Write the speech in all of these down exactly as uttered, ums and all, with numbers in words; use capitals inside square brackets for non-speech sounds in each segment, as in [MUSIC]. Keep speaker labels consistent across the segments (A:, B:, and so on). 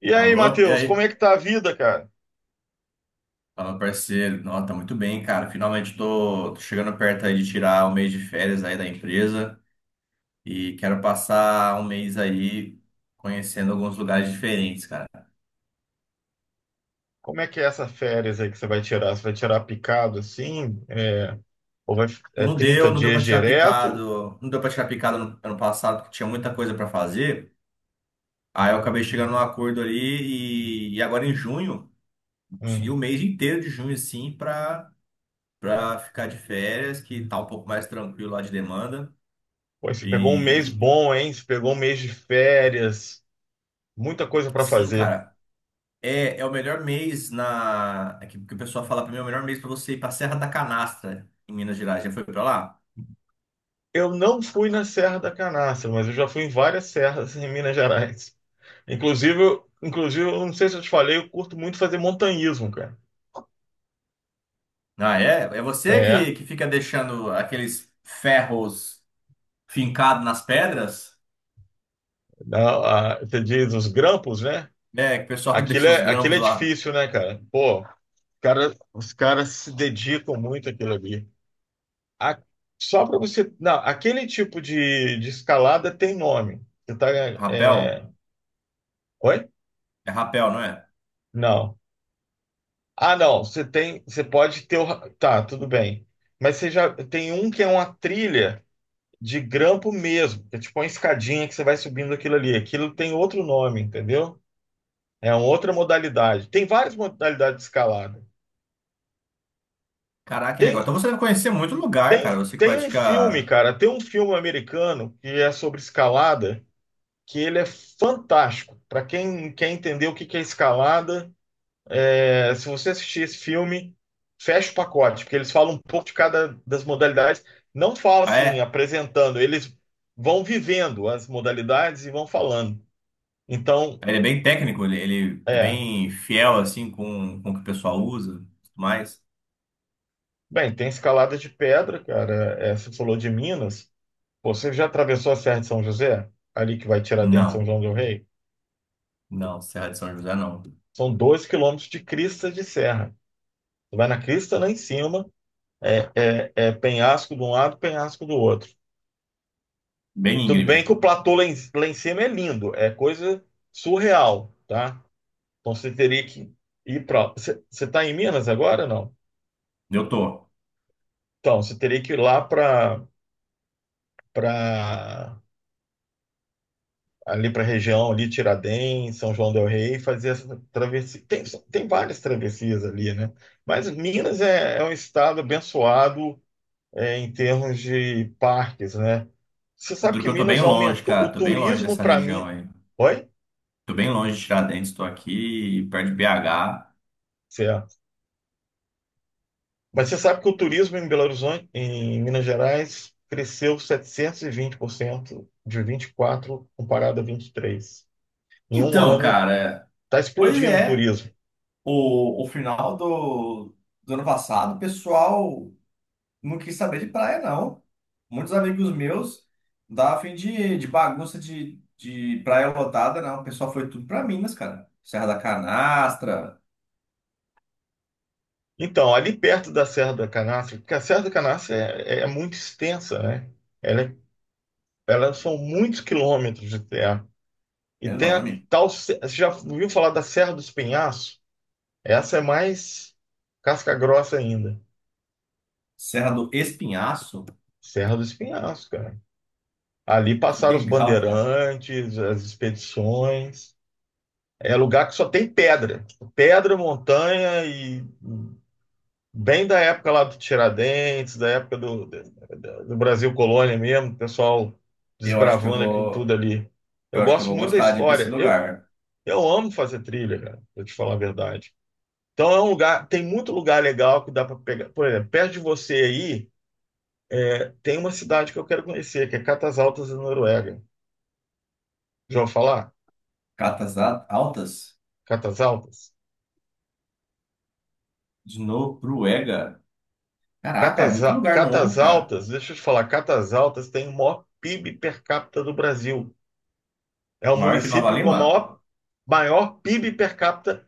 A: E aí,
B: Alô, e
A: Matheus,
B: aí?
A: como é que tá a vida, cara?
B: Fala, parceiro. Nossa, tá muito bem, cara. Finalmente tô, tô chegando perto aí de tirar um mês de férias aí da empresa e quero passar um mês aí conhecendo alguns lugares diferentes, cara.
A: Como é que é essa férias aí que você vai tirar? Você vai tirar picado assim? É, ou vai, é
B: Não
A: trinta
B: deu, não deu pra
A: dias
B: tirar
A: direto?
B: picado, não deu pra tirar picado no ano passado, porque tinha muita coisa pra fazer. Aí eu acabei chegando num acordo ali e, e agora em junho, eu consegui o
A: Hum.
B: mês inteiro de junho, assim, pra, pra ficar de férias, que tá um pouco mais tranquilo lá de demanda.
A: Pô, você pegou um mês
B: E
A: bom, hein? Você pegou um mês de férias, muita coisa para
B: sim,
A: fazer.
B: cara. É, é o melhor mês. Na. é Que, que o pessoal fala pra mim, é o melhor mês pra você ir pra Serra da Canastra, em Minas Gerais. Já foi pra lá?
A: Eu não fui na Serra da Canastra, mas eu já fui em várias serras em Minas Gerais. Inclusive, eu- inclusive, eu não sei se eu te falei, eu curto muito fazer montanhismo, cara.
B: Ah, é? É você
A: É,
B: que, que fica deixando aqueles ferros fincados nas pedras?
A: não, a, você diz os grampos, né?
B: É, que o pessoal [LAUGHS]
A: Aquilo
B: deixa os
A: é, aquilo
B: grampos
A: é
B: lá.
A: difícil, né, cara? Pô, cara, os caras se dedicam muito àquilo ali. A- Só para você. Não, aquele tipo de, de escalada tem nome. Você tá. é,
B: Rapel?
A: Oi?
B: É rapel, não é?
A: Não. Ah, não. Você tem. Você pode ter. o ra- Tá, tudo bem. Mas você já tem um que é uma trilha de grampo mesmo, que é tipo uma escadinha que você vai subindo aquilo ali. Aquilo tem outro nome, entendeu? É uma outra modalidade. Tem várias modalidades de escalada.
B: Caraca, que legal.
A: Tem,
B: Então você deve conhecer muito lugar, cara.
A: Tem,
B: Você que
A: tem um filme,
B: pratica.
A: cara, tem um filme americano que é sobre escalada, que ele é fantástico. Para quem quer entender o que que é escalada, é, se você assistir esse filme, fecha o pacote, porque eles falam um pouco de cada das modalidades. Não fala
B: Ah,
A: assim,
B: é?
A: apresentando, eles vão vivendo as modalidades e vão falando. Então,
B: Ele é bem técnico, ele, ele é
A: é.
B: bem fiel, assim, com, com o que o pessoal usa e tudo mais.
A: Bem, tem escalada de pedra, cara. É, você falou de Minas. Pô, você já atravessou a Serra de São José? Ali que vai tirar Tiradentes, São
B: Não,
A: João del Rei?
B: não, Serra de São José não.
A: São dois quilômetros de crista de serra. Tu vai na crista lá em cima, é, é penhasco de um lado, penhasco do outro.
B: Bem
A: Tudo bem
B: íngreme.
A: que o platô lá em, lá em cima é lindo, é coisa surreal, tá? Então você teria que ir para. Você está em Minas agora, não?
B: Eu tô.
A: Então você teria que ir lá para para ali para a região ali Tiradentes, São João del Rei, e fazer essa travessia. Tem, tem várias travessias ali, né? Mas Minas é, é um estado abençoado é, em termos de parques, né? Você
B: Eu
A: sabe
B: duro
A: que
B: que eu tô bem
A: Minas
B: longe,
A: aumentou
B: cara.
A: o
B: Tô bem longe
A: turismo
B: dessa
A: para
B: região
A: mim.
B: aí.
A: Oi?
B: Tô bem longe de Tiradentes, tô aqui perto de B H.
A: Certo. Mas você sabe que o turismo em Belo Horizonte, em Minas Gerais, cresceu setecentos e vinte por cento de vinte e quatro comparado a vinte e três. Em um
B: Então,
A: ano,
B: cara,
A: está
B: pois
A: explodindo o
B: é.
A: turismo.
B: O, o final do, do ano passado, o pessoal não quis saber de praia, não. Muitos amigos meus davam fim de, de bagunça de, de praia lotada, não. O pessoal foi tudo pra Minas, cara. Serra da Canastra,
A: Então, ali perto da Serra da Canastra, porque a Serra da Canastra é, é é muito extensa, né? Ela, é- Ela são muitos quilômetros de terra. E
B: é
A: tem a
B: enorme.
A: tal. se- Você já ouviu falar da Serra dos Penhascos? Essa é mais casca grossa ainda.
B: Serra do Espinhaço.
A: Serra do Espinhaço, cara. Ali
B: Que
A: passaram os
B: legal, cara.
A: bandeirantes, as expedições. É lugar que só tem pedra. Pedra, montanha e bem da época lá do Tiradentes, da época do, do, do Brasil Colônia mesmo, o pessoal
B: Eu acho que eu
A: desbravando aquilo tudo
B: vou.
A: ali.
B: Eu
A: Eu
B: acho que eu
A: gosto
B: vou
A: muito da
B: gostar de ir pra esse
A: história. Eu,
B: lugar.
A: eu amo fazer trilha, cara, pra te falar a verdade. Então é um lugar, tem muito lugar legal que dá para pegar. Por exemplo, perto de você aí. É, tem uma cidade que eu quero conhecer, que é Catas Altas, na Noruega. Já ouviu falar?
B: Catas A- Altas
A: Catas Altas?
B: de Noruega. Caraca, é
A: Catas,
B: muito
A: Al-
B: lugar novo,
A: Catas
B: cara.
A: Altas, deixa eu te falar, Catas Altas tem o maior PIB per capita do Brasil. É o
B: Maior que Nova
A: município com o
B: Lima?
A: maior, maior PIB per capita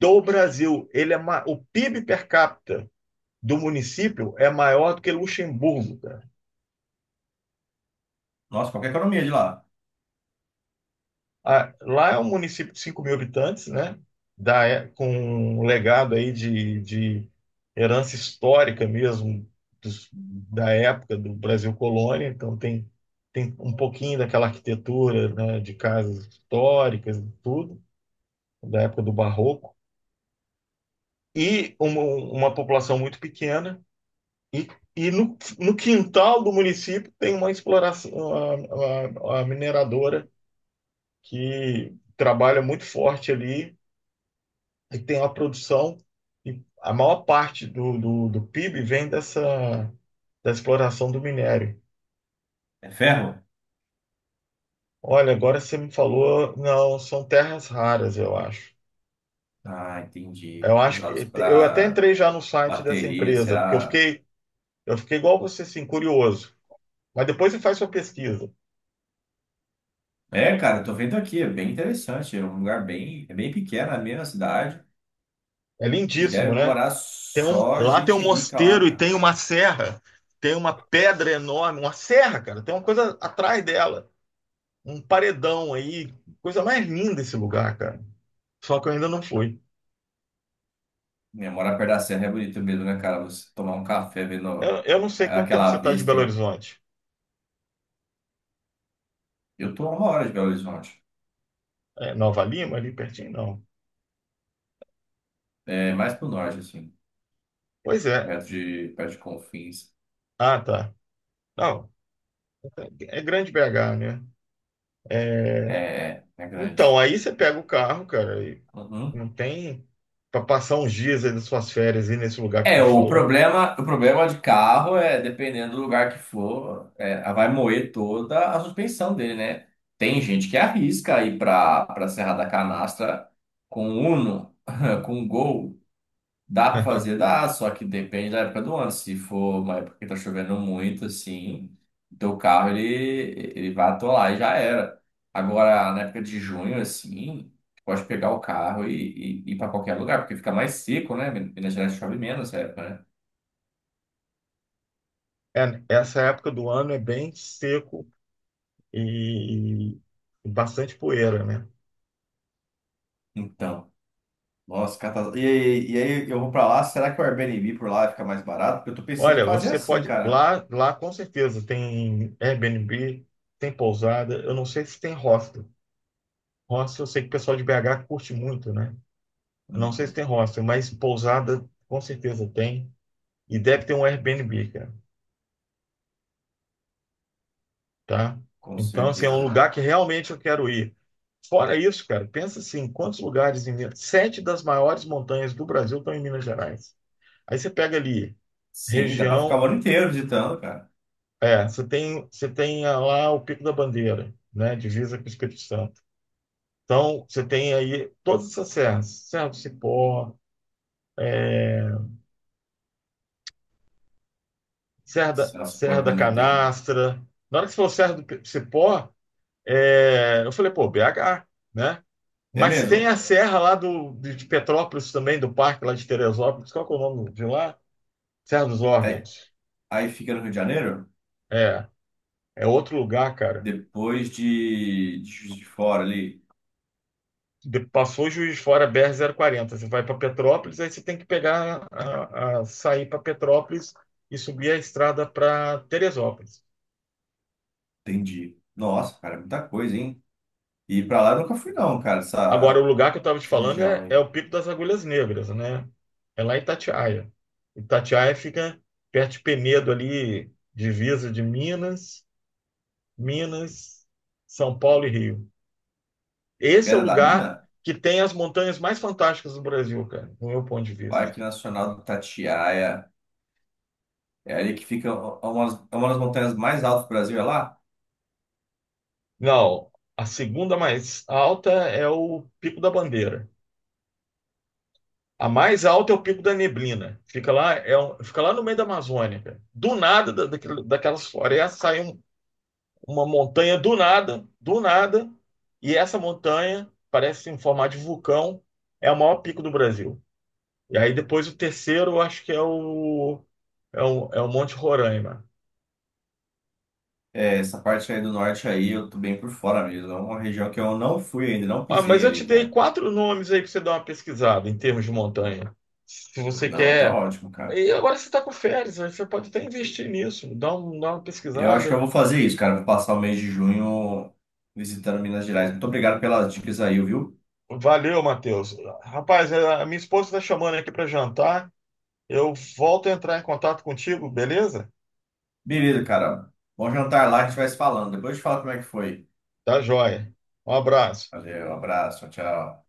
A: do Brasil. Ele é ma- o PIB per capita do município é maior do que Luxemburgo, cara.
B: Nossa, qual que é a economia de lá?
A: Ah, lá é um município de cinco mil habitantes, né? Da, é- com um legado aí de, de herança histórica mesmo dos- da época do Brasil colônia. Então tem, tem um pouquinho daquela arquitetura, né, de casas históricas e tudo, da época do Barroco. E uma, uma população muito pequena. E, e no, no quintal do município tem uma exploração, a, a a mineradora que trabalha muito forte ali e tem uma produção, e a maior parte do, do, do PIB vem dessa, da exploração do minério.
B: É ferro?
A: Olha, agora você me falou, não, são terras raras, eu acho.
B: Ah, entendi.
A: Eu acho que
B: Usados
A: eu até
B: para
A: entrei já no site dessa
B: bateria,
A: empresa, porque eu
B: será?
A: fiquei, eu fiquei igual você, assim, curioso. Mas depois você faz sua pesquisa.
B: É, cara, eu tô vendo aqui, é bem interessante. É um lugar bem, é bem pequeno, é meio na cidade.
A: É
B: E
A: lindíssimo,
B: deve
A: né?
B: morar
A: Tem um,
B: só
A: lá tem
B: gente
A: um
B: rica lá,
A: mosteiro e
B: cara.
A: tem uma serra, tem uma pedra enorme, uma serra, cara. Tem uma coisa atrás dela, um paredão aí, coisa mais linda esse lugar, cara. Só que eu ainda não fui.
B: É, morar perto da serra é bonito mesmo, né, cara? Você tomar um café
A: Eu,
B: vendo
A: eu não sei quanto tempo você
B: aquela
A: está de Belo
B: vista.
A: Horizonte.
B: Eu tô a uma hora de Belo Horizonte.
A: É Nova Lima, ali pertinho? Não.
B: É mais pro norte, assim,
A: Pois é.
B: perto de, perto de Confins.
A: Ah, tá. Não, é grande B H, né? É,
B: É, é
A: Então,
B: grande.
A: aí você pega o carro, cara, e
B: Uhum.
A: não tem para passar uns dias aí das suas férias aí nesse lugar que eu tô
B: É,
A: te
B: o
A: falando.
B: problema, o problema de carro é, dependendo do lugar que for, é, vai moer toda a suspensão dele, né? Tem gente que arrisca ir para para Serra da Canastra com Uno, [LAUGHS] com Gol. Dá pra fazer?
A: [LAUGHS]
B: Dá, só que depende da época do ano. Se for uma época que tá chovendo muito, assim, teu carro ele, ele vai atolar e já era. Agora, na época de junho, assim, tu pode pegar o carro e, e ir pra qualquer lugar, porque fica mais seco, né? Minas Gerais chove menos nessa época, né?
A: É, essa época do ano é bem seco e, e bastante poeira, né?
B: Então, nossa, catas- E aí, e aí eu vou pra lá, será que o Airbnb por lá fica mais barato? Porque eu tô pensando em
A: Olha,
B: fazer
A: você
B: assim,
A: pode
B: cara.
A: lá, lá com certeza tem Airbnb, tem pousada. Eu não sei se tem hostel. Hostel, eu sei que o pessoal de B H curte muito, né? Eu não sei se
B: Uhum,
A: tem hostel, mas pousada com certeza tem. E deve ter um Airbnb, cara, tá?
B: com
A: Então, assim, é um
B: certeza.
A: lugar que realmente eu quero ir. Fora isso, cara, pensa assim, quantos lugares em Minas... Sete das maiores montanhas do Brasil estão em Minas Gerais. Aí você pega ali,
B: Sim, dá pra ficar o
A: região...
B: ano inteiro visitando, cara.
A: É, você tem, você tem ah, lá o Pico da Bandeira, né? Divisa com o Espírito Santo. Então, você tem aí todas essas serras. Serra do Cipó, é, Serra da,
B: Nossa, como é
A: Serra da
B: bonito, hein?
A: Canastra. Na hora que você falou Serra do Pe- Cipó, é, eu falei, pô, B H, né?
B: É
A: Mas tem
B: mesmo?
A: a serra lá do, de de Petrópolis também, do parque lá de Teresópolis. Qual que é o nome de lá? Serra dos
B: Aí,
A: Órgãos.
B: aí fica no Rio de Janeiro,
A: É, É outro lugar, cara.
B: depois de, de Juiz de Fora ali.
A: De- passou Juiz de Fora, br quarenta. Você vai para Petrópolis, aí você tem que pegar, a, a- sair para Petrópolis e subir a estrada para Teresópolis.
B: Entendi. Nossa, cara, é muita coisa, hein? E pra lá eu nunca fui, não, cara,
A: Agora, o
B: essa,
A: lugar que eu estava te
B: essa
A: falando
B: região
A: é, é
B: aí.
A: o Pico das Agulhas Negras, né? É lá em Itatiaia. Itatiaia fica perto de Penedo ali, divisa de Minas, Minas, São Paulo e Rio. Esse é o
B: Pedra da
A: lugar
B: Mina,
A: que tem as montanhas mais fantásticas do Brasil, cara, do meu ponto de vista.
B: Parque Nacional do Itatiaia. É ali que fica é uma, das- é uma das montanhas mais altas do Brasil, é lá?
A: Não, a segunda mais alta é o Pico da Bandeira. A mais alta é o Pico da Neblina. Fica lá, é um- fica lá no meio da Amazônia, cara. Do nada da, daquele- daquelas florestas sai um, uma montanha do nada, do nada, e essa montanha parece em formato de vulcão, é o maior pico do Brasil. E aí depois o terceiro, eu acho que é o, é o, é o Monte Roraima.
B: É, essa parte aí do norte aí, eu tô bem por fora mesmo. É uma região que eu não fui ainda, não
A: Ah, mas
B: pisei
A: eu te
B: ali,
A: dei
B: cara.
A: quatro nomes aí para você dar uma pesquisada em termos de montanha. Se você
B: Não, tá
A: quer.
B: ótimo, cara.
A: E agora você está com férias, aí você pode até investir nisso, dá, um, dá uma
B: E eu acho que
A: pesquisada.
B: eu vou fazer isso, cara. Vou passar o mês de junho visitando Minas Gerais. Muito obrigado pelas dicas aí, viu?
A: Valeu, Matheus. Rapaz, é, a minha esposa está chamando aqui para jantar. Eu volto a entrar em contato contigo, beleza?
B: Beleza, cara. Bom jantar lá, a gente vai se falando. Depois eu te falo como é que foi.
A: Tá joia. Um abraço.
B: Valeu, abraço, tchau. Tchau.